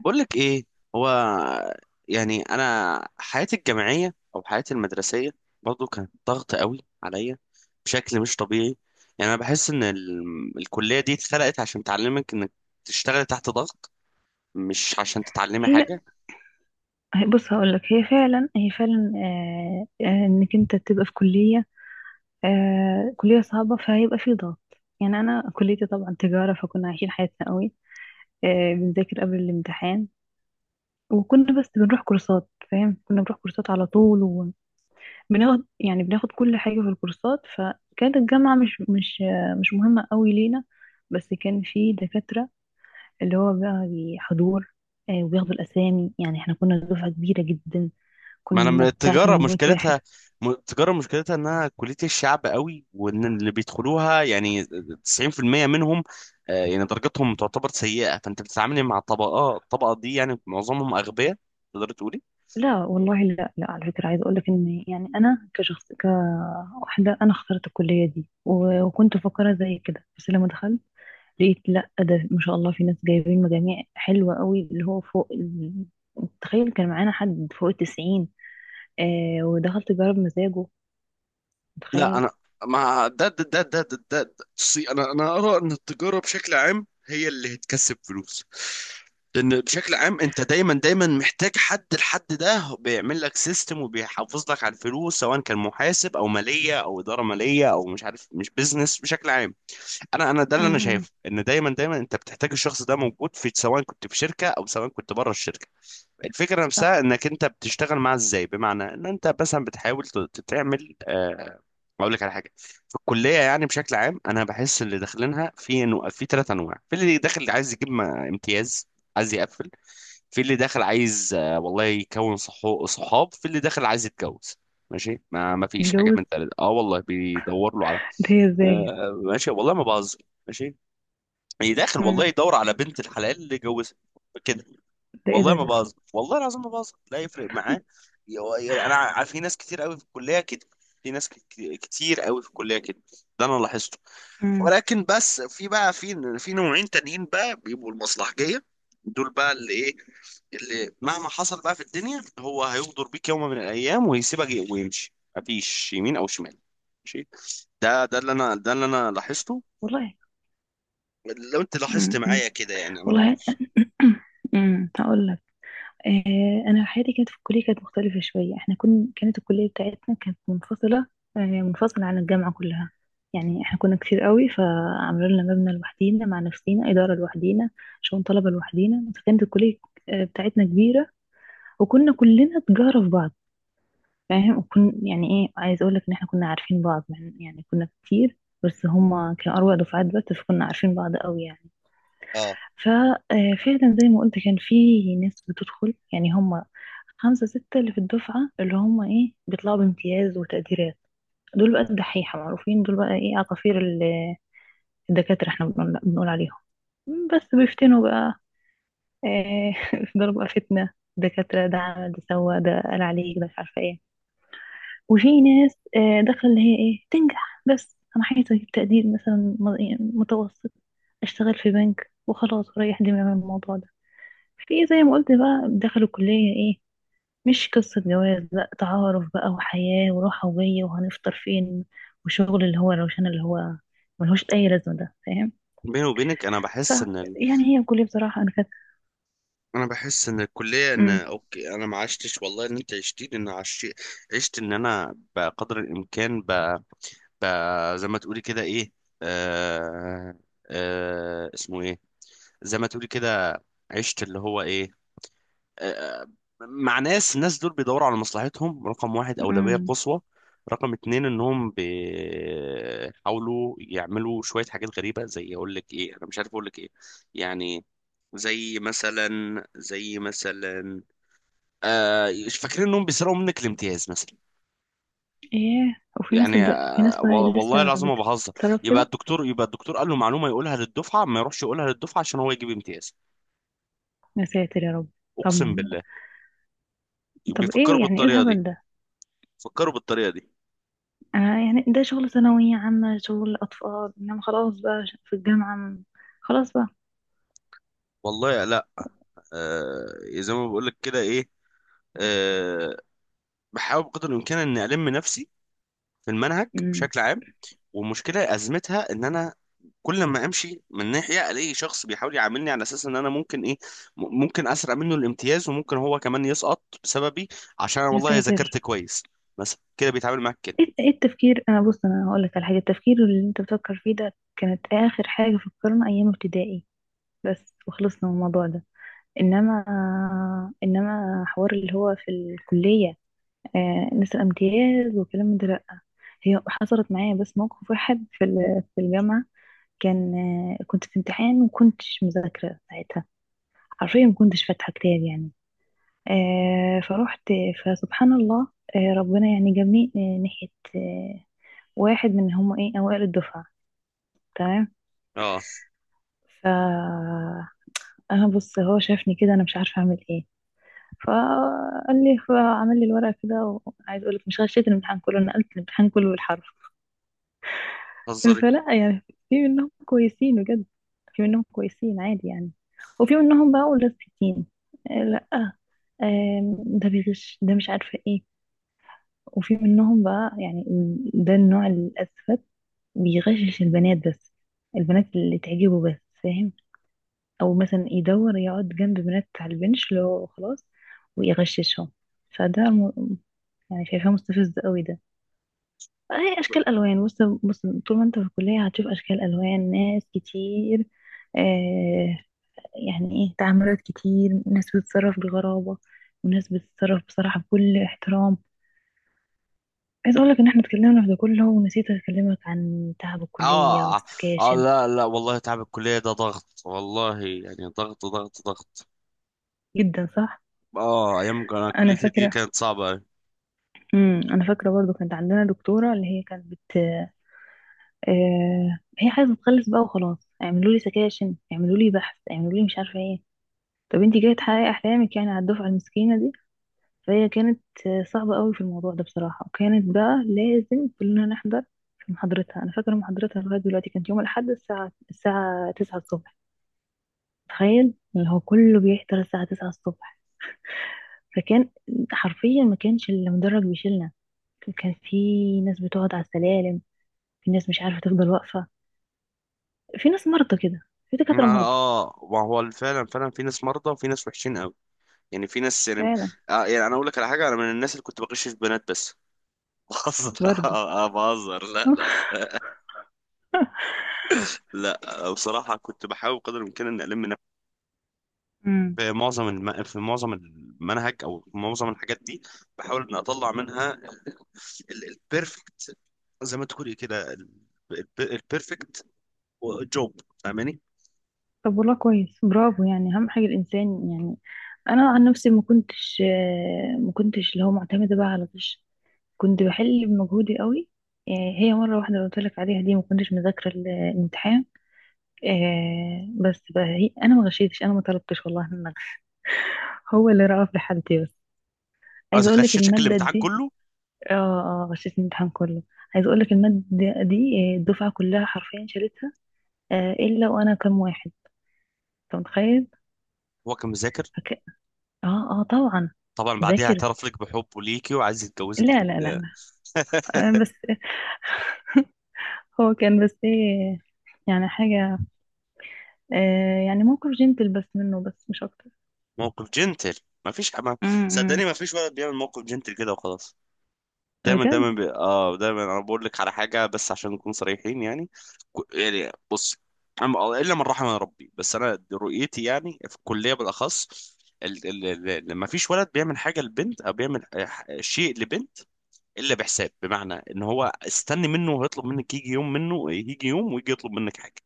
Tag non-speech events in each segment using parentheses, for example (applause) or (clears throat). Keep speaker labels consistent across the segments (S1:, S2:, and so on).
S1: بقول لك ايه. هو يعني انا حياتي الجامعيه او حياتي المدرسيه برضو كانت ضغط قوي عليا بشكل مش طبيعي. يعني انا بحس ان الكليه دي اتخلقت عشان تعلمك انك تشتغل تحت ضغط، مش عشان تتعلمي
S2: هي
S1: حاجه.
S2: بص هقولك، هي فعلا انك انت تبقى في كلية كلية صعبة، فهيبقى في ضغط. يعني انا كليتي طبعا تجارة، فكنا عايشين حياتنا قوي، بنذاكر قبل الامتحان. وكنا بس بنروح كورسات، فاهم؟ كنا بنروح كورسات على طول، وبناخد، يعني بناخد كل حاجة في الكورسات. فكانت الجامعة مش مهمة قوي لينا. بس كان في دكاترة اللي هو بقى حضور، وبياخدوا الأسامي. يعني احنا كنا دفعة كبيرة جدا،
S1: ما انا من
S2: كنا بتاع
S1: التجاره
S2: 800 واحد.
S1: مشكلتها، التجاره مشكلتها انها كليه الشعب قوي، وان اللي بيدخلوها يعني 90% منهم. يعني درجتهم تعتبر سيئه، فانت بتتعاملي مع طبقات الطبقه دي. يعني معظمهم اغبياء، تقدر تقول.
S2: لا والله، لا لا على فكرة، عايزة أقولك إن يعني أنا كشخص كواحدة أنا اخترت الكلية دي وكنت مفكرة زي كده. بس لما دخلت لقيت لا، ده ما شاء الله في ناس جايبين مجاميع حلوة قوي اللي هو فوق تخيل كان معانا حد فوق التسعين. ودخلت جرب مزاجه.
S1: لا
S2: تخيل.
S1: انا مع ده ده. بصي، انا ارى ان التجاره بشكل عام هي اللي هتكسب فلوس، لان بشكل عام انت دايما محتاج حد. الحد ده بيعمل لك سيستم وبيحافظ لك على الفلوس، سواء كان محاسب او ماليه او اداره ماليه او مش عارف، مش بيزنس بشكل عام. انا ده اللي انا
S2: امم.
S1: شايفه، ان دايما انت بتحتاج الشخص ده موجود، في سواء كنت في شركه او سواء كنت بره الشركه. الفكرة نفسها
S2: صح.
S1: انك انت بتشتغل معاه ازاي، بمعنى ان انت مثلا بتحاول تعمل اقول لك على حاجة. في الكلية يعني بشكل عام، انا بحس اللي داخلينها في انه في ثلاث انواع. في اللي داخل عايز يجيب امتياز، عايز يقفل. في اللي داخل عايز والله يكون صحاب. في اللي داخل عايز يتجوز. ماشي، ما فيش حاجة
S2: اتجوز؟
S1: من ثلاثة. اه والله بيدور له على
S2: ده إيه؟ ازاي؟
S1: ماشي، والله ما بهزر، ماشي. اللي داخل والله
S2: امم.
S1: يدور على بنت الحلال اللي يجوزها، كده.
S2: ده ايه
S1: والله
S2: ده
S1: ما
S2: ده؟
S1: بهزر، والله العظيم ما بهزر، لا يفرق معاه. يعني انا في ناس كتير قوي في الكليه كده. في ناس كتير قوي في الكليه كده. ده انا لاحظته.
S2: امم.
S1: ولكن بس في بقى في نوعين تانيين بقى، بيبقوا المصلحجيه. دول بقى اللي ايه، اللي مهما حصل بقى في الدنيا هو هيغدر بيك يوم من الايام ويسيبك ويمشي، مفيش يمين او شمال. ماشي. ده اللي انا لاحظته.
S2: والله.
S1: لو انت لاحظت
S2: امم.
S1: معايا كده، يعني انا ما
S2: والله.
S1: اعرفش.
S2: (clears throat) امم، هقول انا حياتي كانت في الكليه، كانت مختلفه شويه. احنا كنا، كانت الكليه بتاعتنا كانت منفصله، منفصله عن الجامعه كلها. يعني احنا كنا كتير قوي، فعملوا لنا مبنى لوحدينا مع نفسينا، اداره لوحدينا، شؤون طلبه لوحدينا. فكانت الكليه بتاعتنا كبيره، وكنا كلنا تجاره في بعض، فاهم؟ وكن، يعني ايه، عايز اقول لك ان احنا كنا عارفين بعض مع يعني كنا كتير، بس هما كانوا أروع دفعات. بس فكنا عارفين بعض قوي يعني.
S1: اه.
S2: ففعلا زي ما قلت، كان في ناس بتدخل، يعني هم خمسة ستة اللي في الدفعة، اللي هم ايه، بيطلعوا بامتياز وتقديرات. دول بقى الدحيحة، معروفين. دول بقى ايه، عصافير الدكاترة، احنا بنقول عليهم. بس بيفتنوا بقى، إيه. (laughs) يفضلوا بقى فتنة. دكاترة، ده عمل، ده سوى، ده قال عليك، ده مش عارفة ايه. وفي ناس داخلة اللي هي ايه، تنجح بس، انا عايزة اجيب تقدير مثلا إيه، متوسط، اشتغل في بنك وخلاص وريح دماغي من الموضوع ده. في زي ما قلت بقى، دخلوا كلية ايه، مش قصة جواز، لا، تعارف بقى وحياة وراحة وجاية وهنفطر فين، وشغل اللي هو روشان اللي هو ملهوش أي لازمة، ده فاهم.
S1: بيني وبينك انا
S2: ف،
S1: بحس ان،
S2: يعني هي الكلية بصراحة أنا كانت.
S1: الكليه، ان
S2: أمم.
S1: اوكي انا ما عشتش والله ان انت عشتين. ان عشت، عشت ان انا بقدر الامكان ب... زي ما تقولي كده ايه، آه... اسمه ايه، زي ما تقولي كده، عشت اللي هو ايه، آه... مع ناس. الناس دول بيدوروا على مصلحتهم رقم واحد، اولويه
S2: أمم.
S1: قصوى. رقم اتنين، انهم بيحاولوا يعملوا شويه حاجات غريبه، زي اقول لك ايه، انا مش عارف اقول لك ايه. يعني زي مثلا آه، فاكرين انهم بيسرقوا منك الامتياز مثلا.
S2: إيه، وفي ناس
S1: يعني
S2: في ناس
S1: والله
S2: لسه
S1: العظيم ما بهزر،
S2: بتتصرف
S1: يبقى
S2: كده.
S1: الدكتور قال له معلومه يقولها للدفعه، ما يروحش يقولها للدفعه عشان هو يجيب امتياز.
S2: يا ساتر يا رب. طب.
S1: اقسم بالله
S2: طب
S1: بيفكروا
S2: إيه، يعني إيه
S1: بالطريقه دي،
S2: الهبل ده؟
S1: فكروا بالطريقه دي.
S2: أنا يعني ده شغل ثانوية عامة، شغل أطفال. إنما خلاص بقى في الجامعة، خلاص بقى.
S1: والله لا. آه، زي ما بقول لك كده ايه، آه، بحاول بقدر الامكان اني الم نفسي في المنهج
S2: أمم.
S1: بشكل عام. والمشكله ازمتها ان انا كل ما امشي من ناحيه الاقي شخص بيحاول يعاملني على اساس ان انا ممكن ايه، ممكن اسرق منه الامتياز، وممكن هو كمان يسقط بسببي عشان انا
S2: يا
S1: والله ذاكرت
S2: ساتر.
S1: كويس. مثلا كده بيتعامل معاك كده.
S2: ايه، إيه التفكير، انا بص، انا هقول لك على حاجه. التفكير اللي انت بتفكر فيه ده كانت اخر حاجه فكرنا ايام ابتدائي بس، وخلصنا من الموضوع ده. انما، انما حوار اللي هو في الكليه نسأل امتياز وكلام من ده، لا. هي حصلت معايا بس موقف واحد في في الجامعه، كان، كنت في امتحان وكنتش مذاكره ساعتها. حرفيا ما كنتش فاتحه كتاب يعني. فروحت، فسبحان الله، ربنا يعني جابني ناحيه آه، واحد من هم ايه، اوائل الدفعة. تمام.
S1: اه،
S2: ف، انا بص، هو شافني كده انا مش عارفة اعمل ايه. فقال لي، فعمل لي الورقة كده. وعايز اقول لك، مش غشيت الامتحان كله، نقلت الامتحان كله بالحرف.
S1: هزاري.
S2: فلا، يعني في منهم كويسين بجد. في منهم كويسين عادي يعني. وفي منهم بقى ولاستيكين، لا. ده بيغش، ده مش عارفة ايه. وفي منهم بقى يعني ده النوع الأسفل، بيغشش البنات بس، البنات اللي تعجبه بس، فاهم؟ او مثلا يدور يقعد جنب بنات على البنش اللي هو خلاص، ويغششهم. فده يعني شايفاه مستفز قوي ده. هي اشكال الوان، بص. بص. طول ما انت في الكليه هتشوف اشكال الوان، ناس كتير، آه يعني ايه، تعاملات كتير، ناس بتتصرف بغرابه، وناس بتتصرف بصراحه بكل احترام. عايز اقول لك ان احنا اتكلمنا في ده كله ونسيت اكلمك عن تعب الكليه
S1: اه اه،
S2: والسكاشن.
S1: لا لا والله تعب الكليه ده ضغط، والله يعني ضغط ضغط ضغط.
S2: جدا صح.
S1: اه ايام انا
S2: انا
S1: كليتي دي
S2: فاكره.
S1: كانت صعبه أوي.
S2: امم، انا فاكره برضو. كانت عندنا دكتوره اللي هي كانت بت، هي عايزه تخلص بقى وخلاص، اعملوا لي سكاشن، اعملوا لي بحث، اعملوا لي مش عارفه ايه. طب انت جايه تحققي احلامك يعني على الدفعه المسكينه دي؟ فهي كانت صعبه قوي في الموضوع ده بصراحه، وكانت بقى لازم كلنا نحضر في محاضرتها. انا فاكره محاضرتها لغايه دلوقتي، كانت يوم الاحد الساعه 9 الصبح. تخيل، اللي هو كله بيحضر الساعه 9 الصبح. فكان حرفيا ما كانش المدرج بيشيلنا. كان في ناس بتقعد على السلالم، في ناس مش عارفه تفضل واقفه، في ناس مرضى كده، في
S1: اه،
S2: دكاتره مرضى.
S1: ما هو فعلا، فعلا في ناس مرضى وفي ناس وحشين قوي. يعني في ناس يعني
S2: فعلا.
S1: يعني، انا اقول لك على حاجه. انا من الناس اللي كنت بغش في بنات بس (laughs) بهزر
S2: برضه.
S1: بهزر، لا لا.
S2: (laughs)
S1: لا بصراحه كنت بحاول قدر الامكان ان الم نفسي
S2: امم.
S1: في معظم المنهج، او في معظم الحاجات دي. بحاول ان اطلع منها البيرفكت، زي ما تقولي كده، البيرفكت جوب، فاهماني.
S2: طب والله كويس، برافو. يعني اهم حاجه الانسان، يعني انا عن نفسي ما كنتش، ما كنتش اللي هو معتمده بقى على طش، كنت بحل بمجهودي قوي. آه، هي مره واحده قلت لك عليها دي ما كنتش مذاكره الامتحان. بس بقى هي انا ما غشيتش، انا ما طلبتش والله إن أغش. هو اللي رأى في حالتي بس. عايزه
S1: عايز
S2: اقول لك
S1: اغششك
S2: الماده
S1: الامتحان
S2: دي.
S1: كله.
S2: اه اه، غشيت الامتحان كله. عايزه اقول لك الماده دي، الدفعه كلها حرفيا شالتها، الا وانا كام واحد. انت متخيل؟
S1: هو كان مذاكر.
S2: اه اه طبعا.
S1: طبعا بعديها
S2: ذاكر.
S1: اعترف لك بحبه ليكي وعايز يتجوزك
S2: لا لا لا لا، بس
S1: (laughs)
S2: (laughs) هو كان بس ايه، يعني حاجة، يعني موقف جنتل بس منه، بس مش أكتر.
S1: موقف جنتل. ما فيش، ما
S2: امم.
S1: صدقني ما فيش ولد بيعمل موقف جنتل كده وخلاص. دايما
S2: بجد.
S1: دايما بي... اه دايما انا بقول لك على حاجه، بس عشان نكون صريحين يعني. يعني بص، الا من رحم ربي. بس انا رؤيتي يعني في الكليه بالاخص، ما فيش ولد بيعمل حاجه لبنت، او بيعمل شيء لبنت الا بحساب، بمعنى ان هو استني منه وهيطلب منك، يجي يوم منه يجي يوم ويجي يطلب منك حاجه،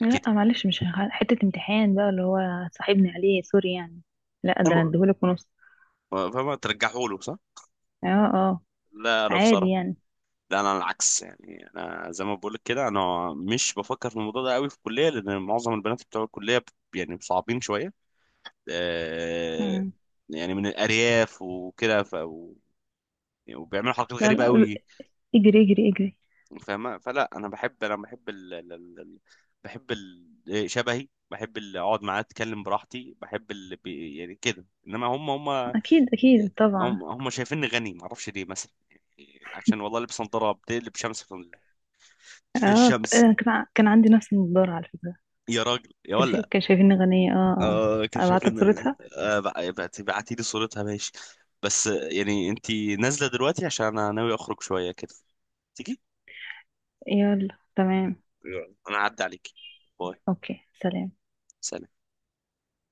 S2: لا
S1: كده.
S2: معلش، مش حتة امتحان بقى اللي هو صاحبني عليه، سوري يعني. لا ده أنا
S1: أنا-
S2: اديهولك ونص.
S1: فما ترجعه له، صح.
S2: اه اه.
S1: لا لا
S2: عادي
S1: بصراحه.
S2: يعني.
S1: لا انا العكس، يعني انا زي ما بقولك كده انا مش بفكر في الموضوع ده قوي في الكليه، لان معظم البنات بتوع الكليه يعني صعبين شويه، آه،
S2: مم.
S1: يعني من الارياف وكده، يعني وبيعملوا حركات
S2: لا
S1: غريبه
S2: لا،
S1: قوي.
S2: اجري اجري اجري.
S1: فاهمه. فلا انا بحب، انا بحب ال... ال... ال... ال- بحب ال... آه، شبهي. بحب اللي اقعد معاه اتكلم براحتي، بحب اللي يعني كده. انما هم هم
S2: أكيد أكيد طبعا.
S1: هم, هم شايفيني غني، معرفش ليه، مثلا يعني عشان والله لبس نظاره بتقلب شمس في في
S2: اه،
S1: الشمس.
S2: آه، كان عندي نفس النضارة على فكرة.
S1: يا راجل يا ولا.
S2: كان شايفيني غنية. اه اه.
S1: آه كان شايف
S2: أبعت لك
S1: ان
S2: صورتها.
S1: بعتي لي صورتها، ماشي. بس يعني انت نازله دلوقتي؟ عشان انا ناوي اخرج شويه كده، تيجي.
S2: يلا تمام.
S1: يلا انا هعدي عليكي، باي.
S2: اوكي سلام.
S1: سلام.